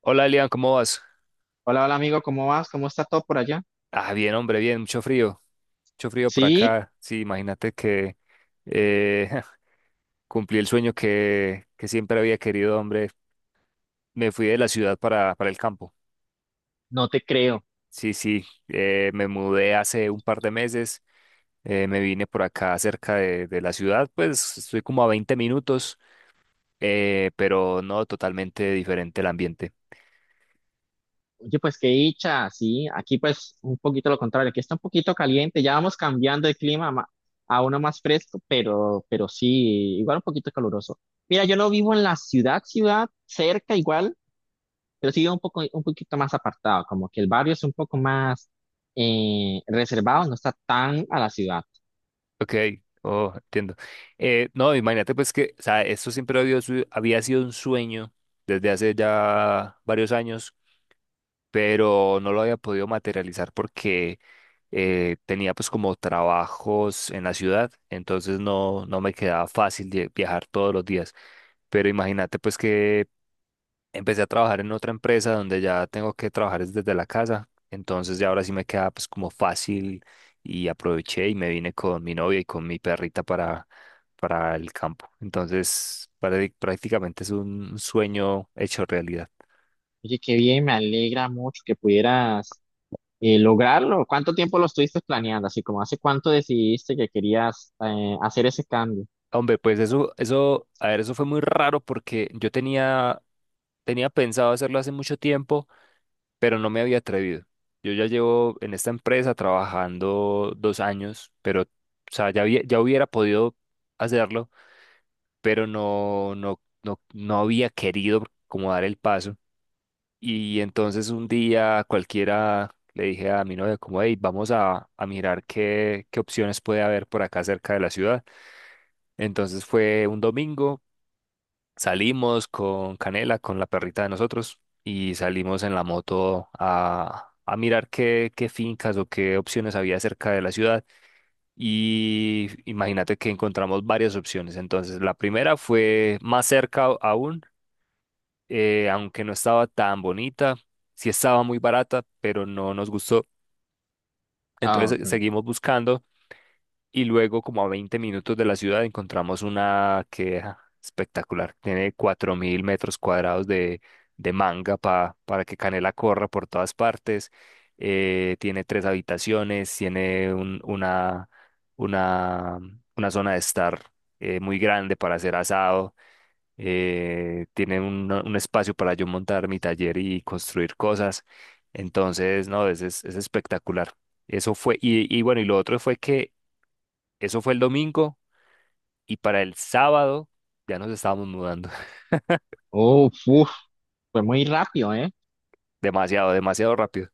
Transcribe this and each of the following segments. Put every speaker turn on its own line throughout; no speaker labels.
Hola Elian, ¿cómo vas?
Hola, hola amigo, ¿cómo vas? ¿Cómo está todo por allá?
Ah, bien, hombre, bien, mucho frío por
Sí,
acá. Sí, imagínate que eh, cumplí el sueño que siempre había querido, hombre. Me fui de la ciudad para el campo.
no te creo.
Sí, sí, me mudé hace un par de meses, me vine por acá cerca de la ciudad, pues estoy como a 20 minutos. Pero no totalmente diferente el ambiente.
Oye, pues qué dicha, sí, aquí pues un poquito lo contrario, aquí está un poquito caliente, ya vamos cambiando de clima a uno más fresco, pero sí, igual un poquito caluroso. Mira, yo no vivo en la ciudad, cerca igual, pero sí vivo un poquito más apartado, como que el barrio es un poco más reservado, no está tan a la ciudad.
Ok, oh, entiendo. No, imagínate pues que, o sea, esto siempre había, había sido un sueño desde hace ya varios años, pero no lo había podido materializar porque tenía pues como trabajos en la ciudad, entonces no, no me quedaba fácil de viajar todos los días. Pero imagínate pues que empecé a trabajar en otra empresa donde ya tengo que trabajar es desde la casa, entonces ya ahora sí me queda pues como fácil y aproveché y me vine con mi novia y con mi perrita para el campo. Entonces, prácticamente es un sueño hecho realidad.
Oye, qué bien, me alegra mucho que pudieras lograrlo. ¿Cuánto tiempo lo estuviste planeando? Así como, ¿hace cuánto decidiste que querías hacer ese cambio?
Hombre, pues eso, a ver, eso fue muy raro porque yo tenía pensado hacerlo hace mucho tiempo, pero no me había atrevido. Yo ya llevo en esta empresa trabajando dos años, pero, o sea, ya, ya hubiera podido hacerlo, pero no, no, no, no había querido como dar el paso. Y entonces un día cualquiera le dije a mi novia como, hey, vamos a mirar qué opciones puede haber por acá cerca de la ciudad. Entonces fue un domingo. Salimos con Canela, con la perrita de nosotros, y salimos en la moto a mirar qué fincas o qué opciones había cerca de la ciudad. Y imagínate que encontramos varias opciones. Entonces, la primera fue más cerca aún, aunque no estaba tan bonita, sí estaba muy barata, pero no nos gustó.
Ah,
Entonces,
ok.
seguimos buscando. Y luego, como a 20 minutos de la ciudad, encontramos una queja espectacular. Tiene 4.000 metros cuadrados de manga para que Canela corra por todas partes. Tiene tres habitaciones, tiene una, una zona de estar muy grande para hacer asado. Tiene un espacio para yo montar mi taller y construir cosas. Entonces, no, es espectacular. Eso fue, y bueno, y lo otro fue que eso fue el domingo y para el sábado ya nos estábamos mudando.
Oh, uf, fue muy rápido, ¿eh?
Demasiado, demasiado rápido.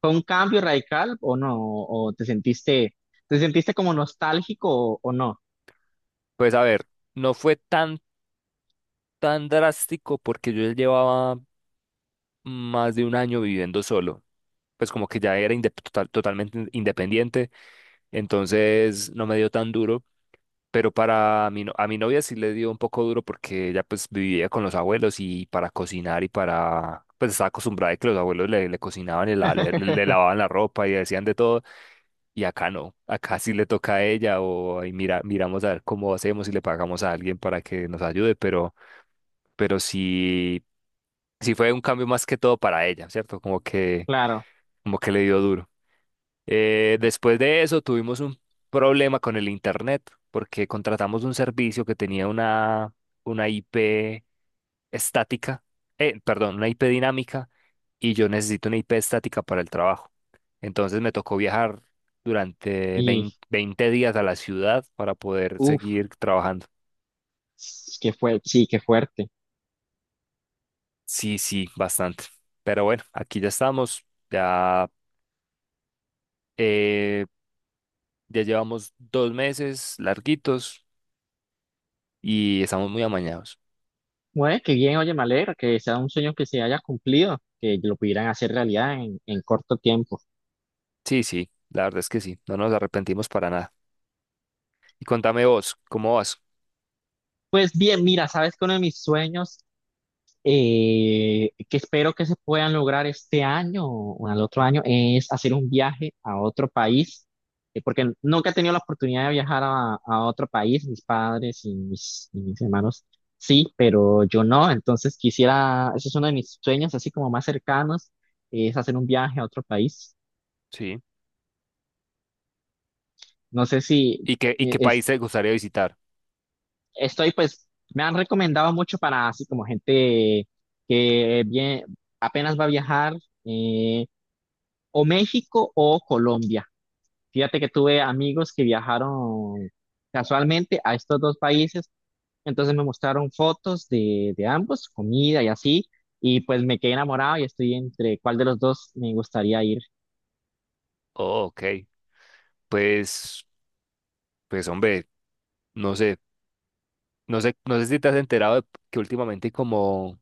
¿Fue un cambio radical o no? ¿O te sentiste como nostálgico o no?
Pues a ver, no fue tan drástico porque yo ya llevaba más de un año viviendo solo. Pues como que ya era totalmente independiente, entonces no me dio tan duro. Pero para mi, a mi novia sí le dio un poco duro porque ella pues vivía con los abuelos y para cocinar y para... Pues estaba acostumbrada a que los abuelos le cocinaban y lavaban la ropa y decían de todo. Y acá no, acá sí le toca a ella o ahí mira, miramos a ver cómo hacemos y le pagamos a alguien para que nos ayude, pero sí, sí fue un cambio más que todo para ella, ¿cierto?
Claro.
Como que le dio duro. Después de eso tuvimos un problema con el internet porque contratamos un servicio que tenía una IP estática, perdón, una IP dinámica y yo necesito una IP estática para el trabajo. Entonces me tocó viajar durante
Y,
20 20 días a la ciudad para poder
uff,
seguir trabajando.
qué fue, sí, qué fuerte.
Sí, sí, bastante. Pero bueno, aquí ya estamos, ya, eh, ya llevamos dos meses larguitos y estamos muy amañados.
Bueno, qué bien, oye, me alegra que sea un sueño que se haya cumplido, que lo pudieran hacer realidad en corto tiempo.
Sí, sí, la verdad es que sí, no nos arrepentimos para nada. Y contame vos, ¿cómo vas?
Pues bien, mira, sabes que uno de mis sueños que espero que se puedan lograr este año o al otro año, es hacer un viaje a otro país, porque nunca he tenido la oportunidad de viajar a otro país, mis padres y mis hermanos sí, pero yo no, entonces quisiera, ese es uno de mis sueños así como más cercanos, es hacer un viaje a otro país.
Sí.
No sé si
Y
eh,
qué
es-
país te gustaría visitar?
estoy pues, me han recomendado mucho para así como gente que bien, apenas va a viajar. eh, o México o Colombia. Fíjate que tuve amigos que viajaron casualmente a estos dos países, entonces me mostraron fotos de ambos, comida y así, y pues me quedé enamorado y estoy entre cuál de los dos me gustaría ir.
Oh, ok. Pues, pues hombre, no sé, no sé, no sé si te has enterado de que últimamente hay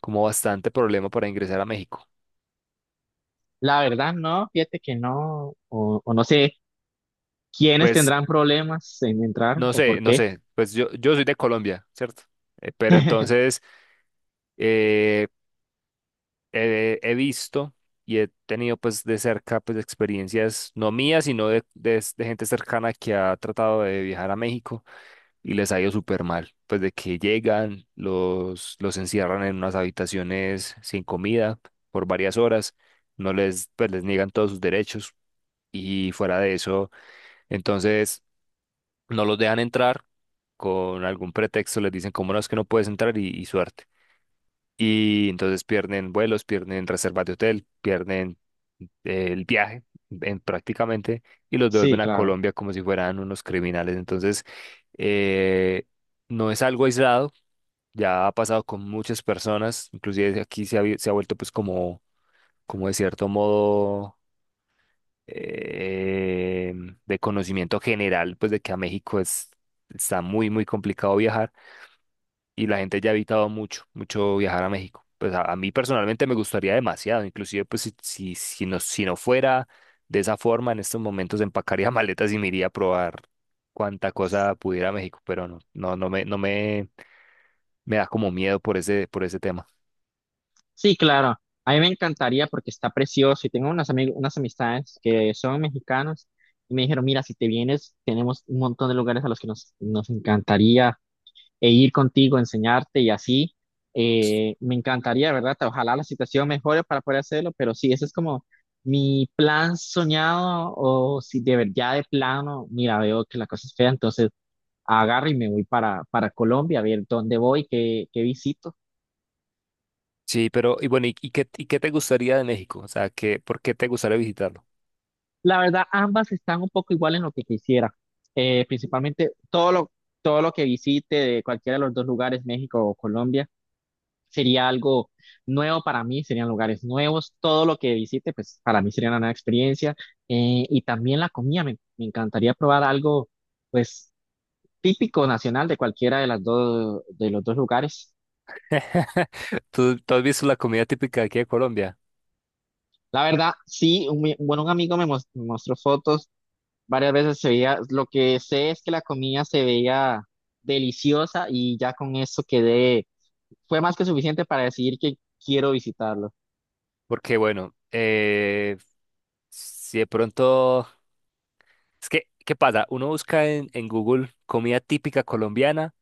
como bastante problema para ingresar a México.
La verdad, no, fíjate que no, o no sé quiénes
Pues,
tendrán problemas en entrar
no
o
sé,
por
no
qué.
sé, pues yo soy de Colombia, ¿cierto? Pero entonces eh, he visto y he tenido pues de cerca pues experiencias, no mías, sino de gente cercana que ha tratado de viajar a México y les ha ido súper mal. Pues de que llegan, los encierran en unas habitaciones sin comida por varias horas, no les, pues les niegan todos sus derechos y fuera de eso, entonces no los dejan entrar con algún pretexto, les dicen, como no es que no puedes entrar? Y suerte. Y entonces pierden vuelos, pierden reservas de hotel, pierden el viaje prácticamente y los devuelven
Sí,
a
claro.
Colombia como si fueran unos criminales. Entonces, eh, no es algo aislado, ya ha pasado con muchas personas, inclusive aquí se ha vuelto pues como de cierto modo eh, de conocimiento general, pues de que a México es, está muy, muy complicado viajar y la gente ya ha evitado mucho, mucho viajar a México. Pues a mí personalmente me gustaría demasiado, inclusive pues si no fuera de esa forma, en estos momentos empacaría maletas y me iría a probar cuánta cosa pudiera a México, pero no, no, no me, no me, me da como miedo por por ese tema.
Sí, claro. A mí me encantaría porque está precioso y tengo unas amistades que son mexicanos y me dijeron, mira, si te vienes, tenemos un montón de lugares a los que nos, nos encantaría e ir contigo, enseñarte y así. Me encantaría, ¿verdad? Ojalá la situación mejore para poder hacerlo, pero sí, ese es como mi plan soñado o si de verdad ya de plano, mira, veo que la cosa es fea, entonces agarro y me voy para Colombia a ver dónde voy, qué, qué visito.
Sí, pero y bueno, y qué te gustaría de México? O sea, por qué te gustaría visitarlo?
La verdad, ambas están un poco igual en lo que quisiera. Principalmente todo lo que visite de cualquiera de los dos lugares, México o Colombia, sería algo nuevo para mí, serían lugares nuevos. Todo lo que visite, pues para mí sería una nueva experiencia. Y también la comida, me encantaría probar algo, pues típico nacional de cualquiera de las dos, de los dos lugares.
Tú has visto la comida típica de aquí de Colombia?
La verdad, sí, un amigo me mostró fotos. Varias veces se veía, lo que sé es que la comida se veía deliciosa y ya con eso quedé, fue más que suficiente para decidir que quiero visitarlo.
Porque bueno, si de pronto, es que, ¿qué pasa? Uno busca en Google comida típica colombiana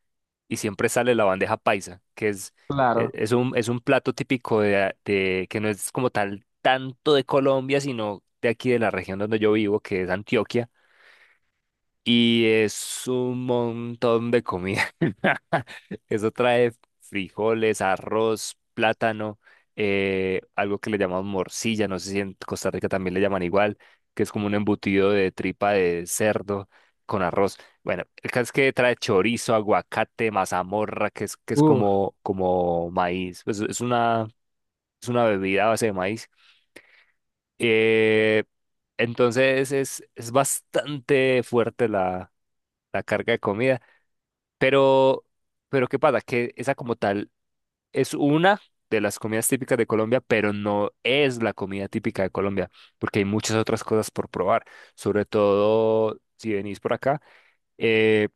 y siempre sale la bandeja paisa, que es, e-
Claro,
es un plato típico que no es como tal tanto de Colombia, sino de aquí de la región donde yo vivo, que es Antioquia. Y es un montón de comida. Eso trae frijoles, arroz, plátano, algo que le llamamos morcilla, no sé si en Costa Rica también le llaman igual, que es como un embutido de tripa de cerdo con arroz. Bueno, el caso es que trae chorizo, aguacate, mazamorra, que es
uff,
como maíz. Pues es una bebida a base de maíz. Eh, entonces es bastante fuerte la carga de comida. Pero, pero ¿qué pasa? Que esa como tal es una de las comidas típicas de Colombia, pero no es la comida típica de Colombia, porque hay muchas otras cosas por probar, sobre todo si venís por acá, eh,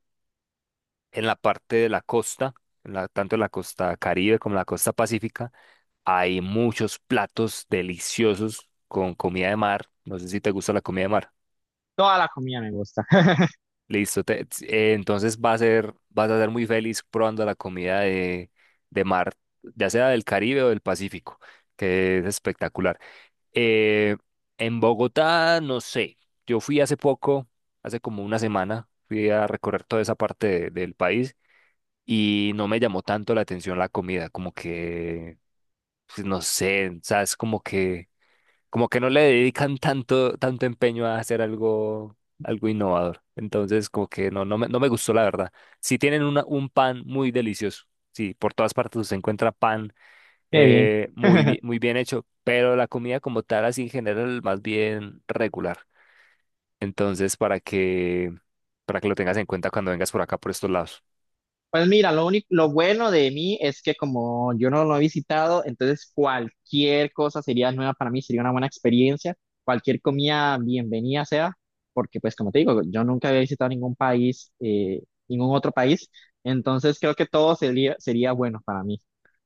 en la parte de la costa, tanto en la costa Caribe como en la costa Pacífica, hay muchos platos deliciosos con comida de mar. No sé si te gusta la comida de mar.
toda la comida me gusta.
Listo, entonces vas a ser muy feliz probando la comida de mar, ya sea del Caribe o del Pacífico, que es espectacular. Eh, en Bogotá, no sé, yo fui hace poco, hace como una semana, fui a recorrer toda esa parte del país y no me llamó tanto la atención la comida, como que, pues, no sé, o sea, es como que no le dedican tanto, tanto empeño a hacer algo, algo innovador. Entonces, como que no me gustó la verdad. Sí tienen un pan muy delicioso. Sí, por todas partes se encuentra pan
Qué bien.
muy bien hecho, pero la comida como tal, así en general, más bien regular. Entonces, para que lo tengas en cuenta cuando vengas por acá, por estos lados.
Pues mira, lo único, lo bueno de mí es que como yo no lo he visitado, entonces cualquier cosa sería nueva para mí, sería una buena experiencia, cualquier comida bienvenida sea, porque pues como te digo, yo nunca había visitado ningún país, ningún otro país, entonces creo que todo sería, sería bueno para mí.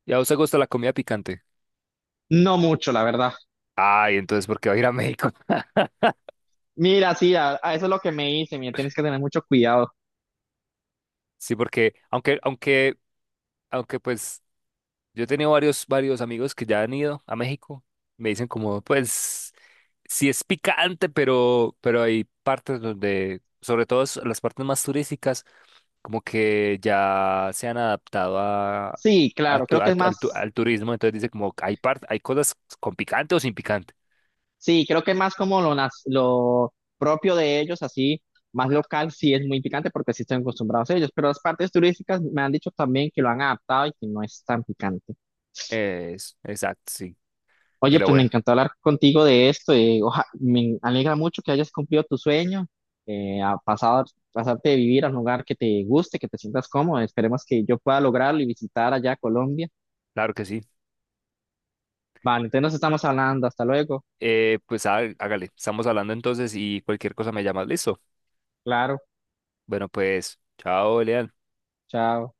¿Y a vos te gusta la comida picante?
No mucho, la verdad.
Ay, entonces, ¿por qué va a ir a México?
Mira, sí, a eso es lo que me hice, mira, tienes que tener mucho cuidado.
Sí, porque aunque pues yo he tenido varios amigos que ya han ido a México. Me dicen como, pues, sí es picante, pero hay partes donde, sobre todo las partes más turísticas, como que ya se han adaptado
Sí, claro, creo que
a
es
tu-
más.
al turismo. Entonces dice como, hay cosas con picante o sin picante.
Sí, creo que más como lo propio de ellos, así, más local, sí es muy picante porque sí están acostumbrados a ellos, pero las partes turísticas me han dicho también que lo han adaptado y que no es tan picante.
Es, exacto, sí.
Oye,
Pero
pues me
bueno,
encantó hablar contigo de esto, y, me alegra mucho que hayas cumplido tu sueño, eh, a pasar, pasarte de vivir a un lugar que te guste, que te sientas cómodo. Esperemos que yo pueda lograrlo y visitar allá Colombia.
claro que sí.
Vale, entonces nos estamos hablando, hasta luego,
Pues hágale, estamos hablando entonces y cualquier cosa me llamas, listo.
claro,
Bueno, pues, chao, Elian.
chao.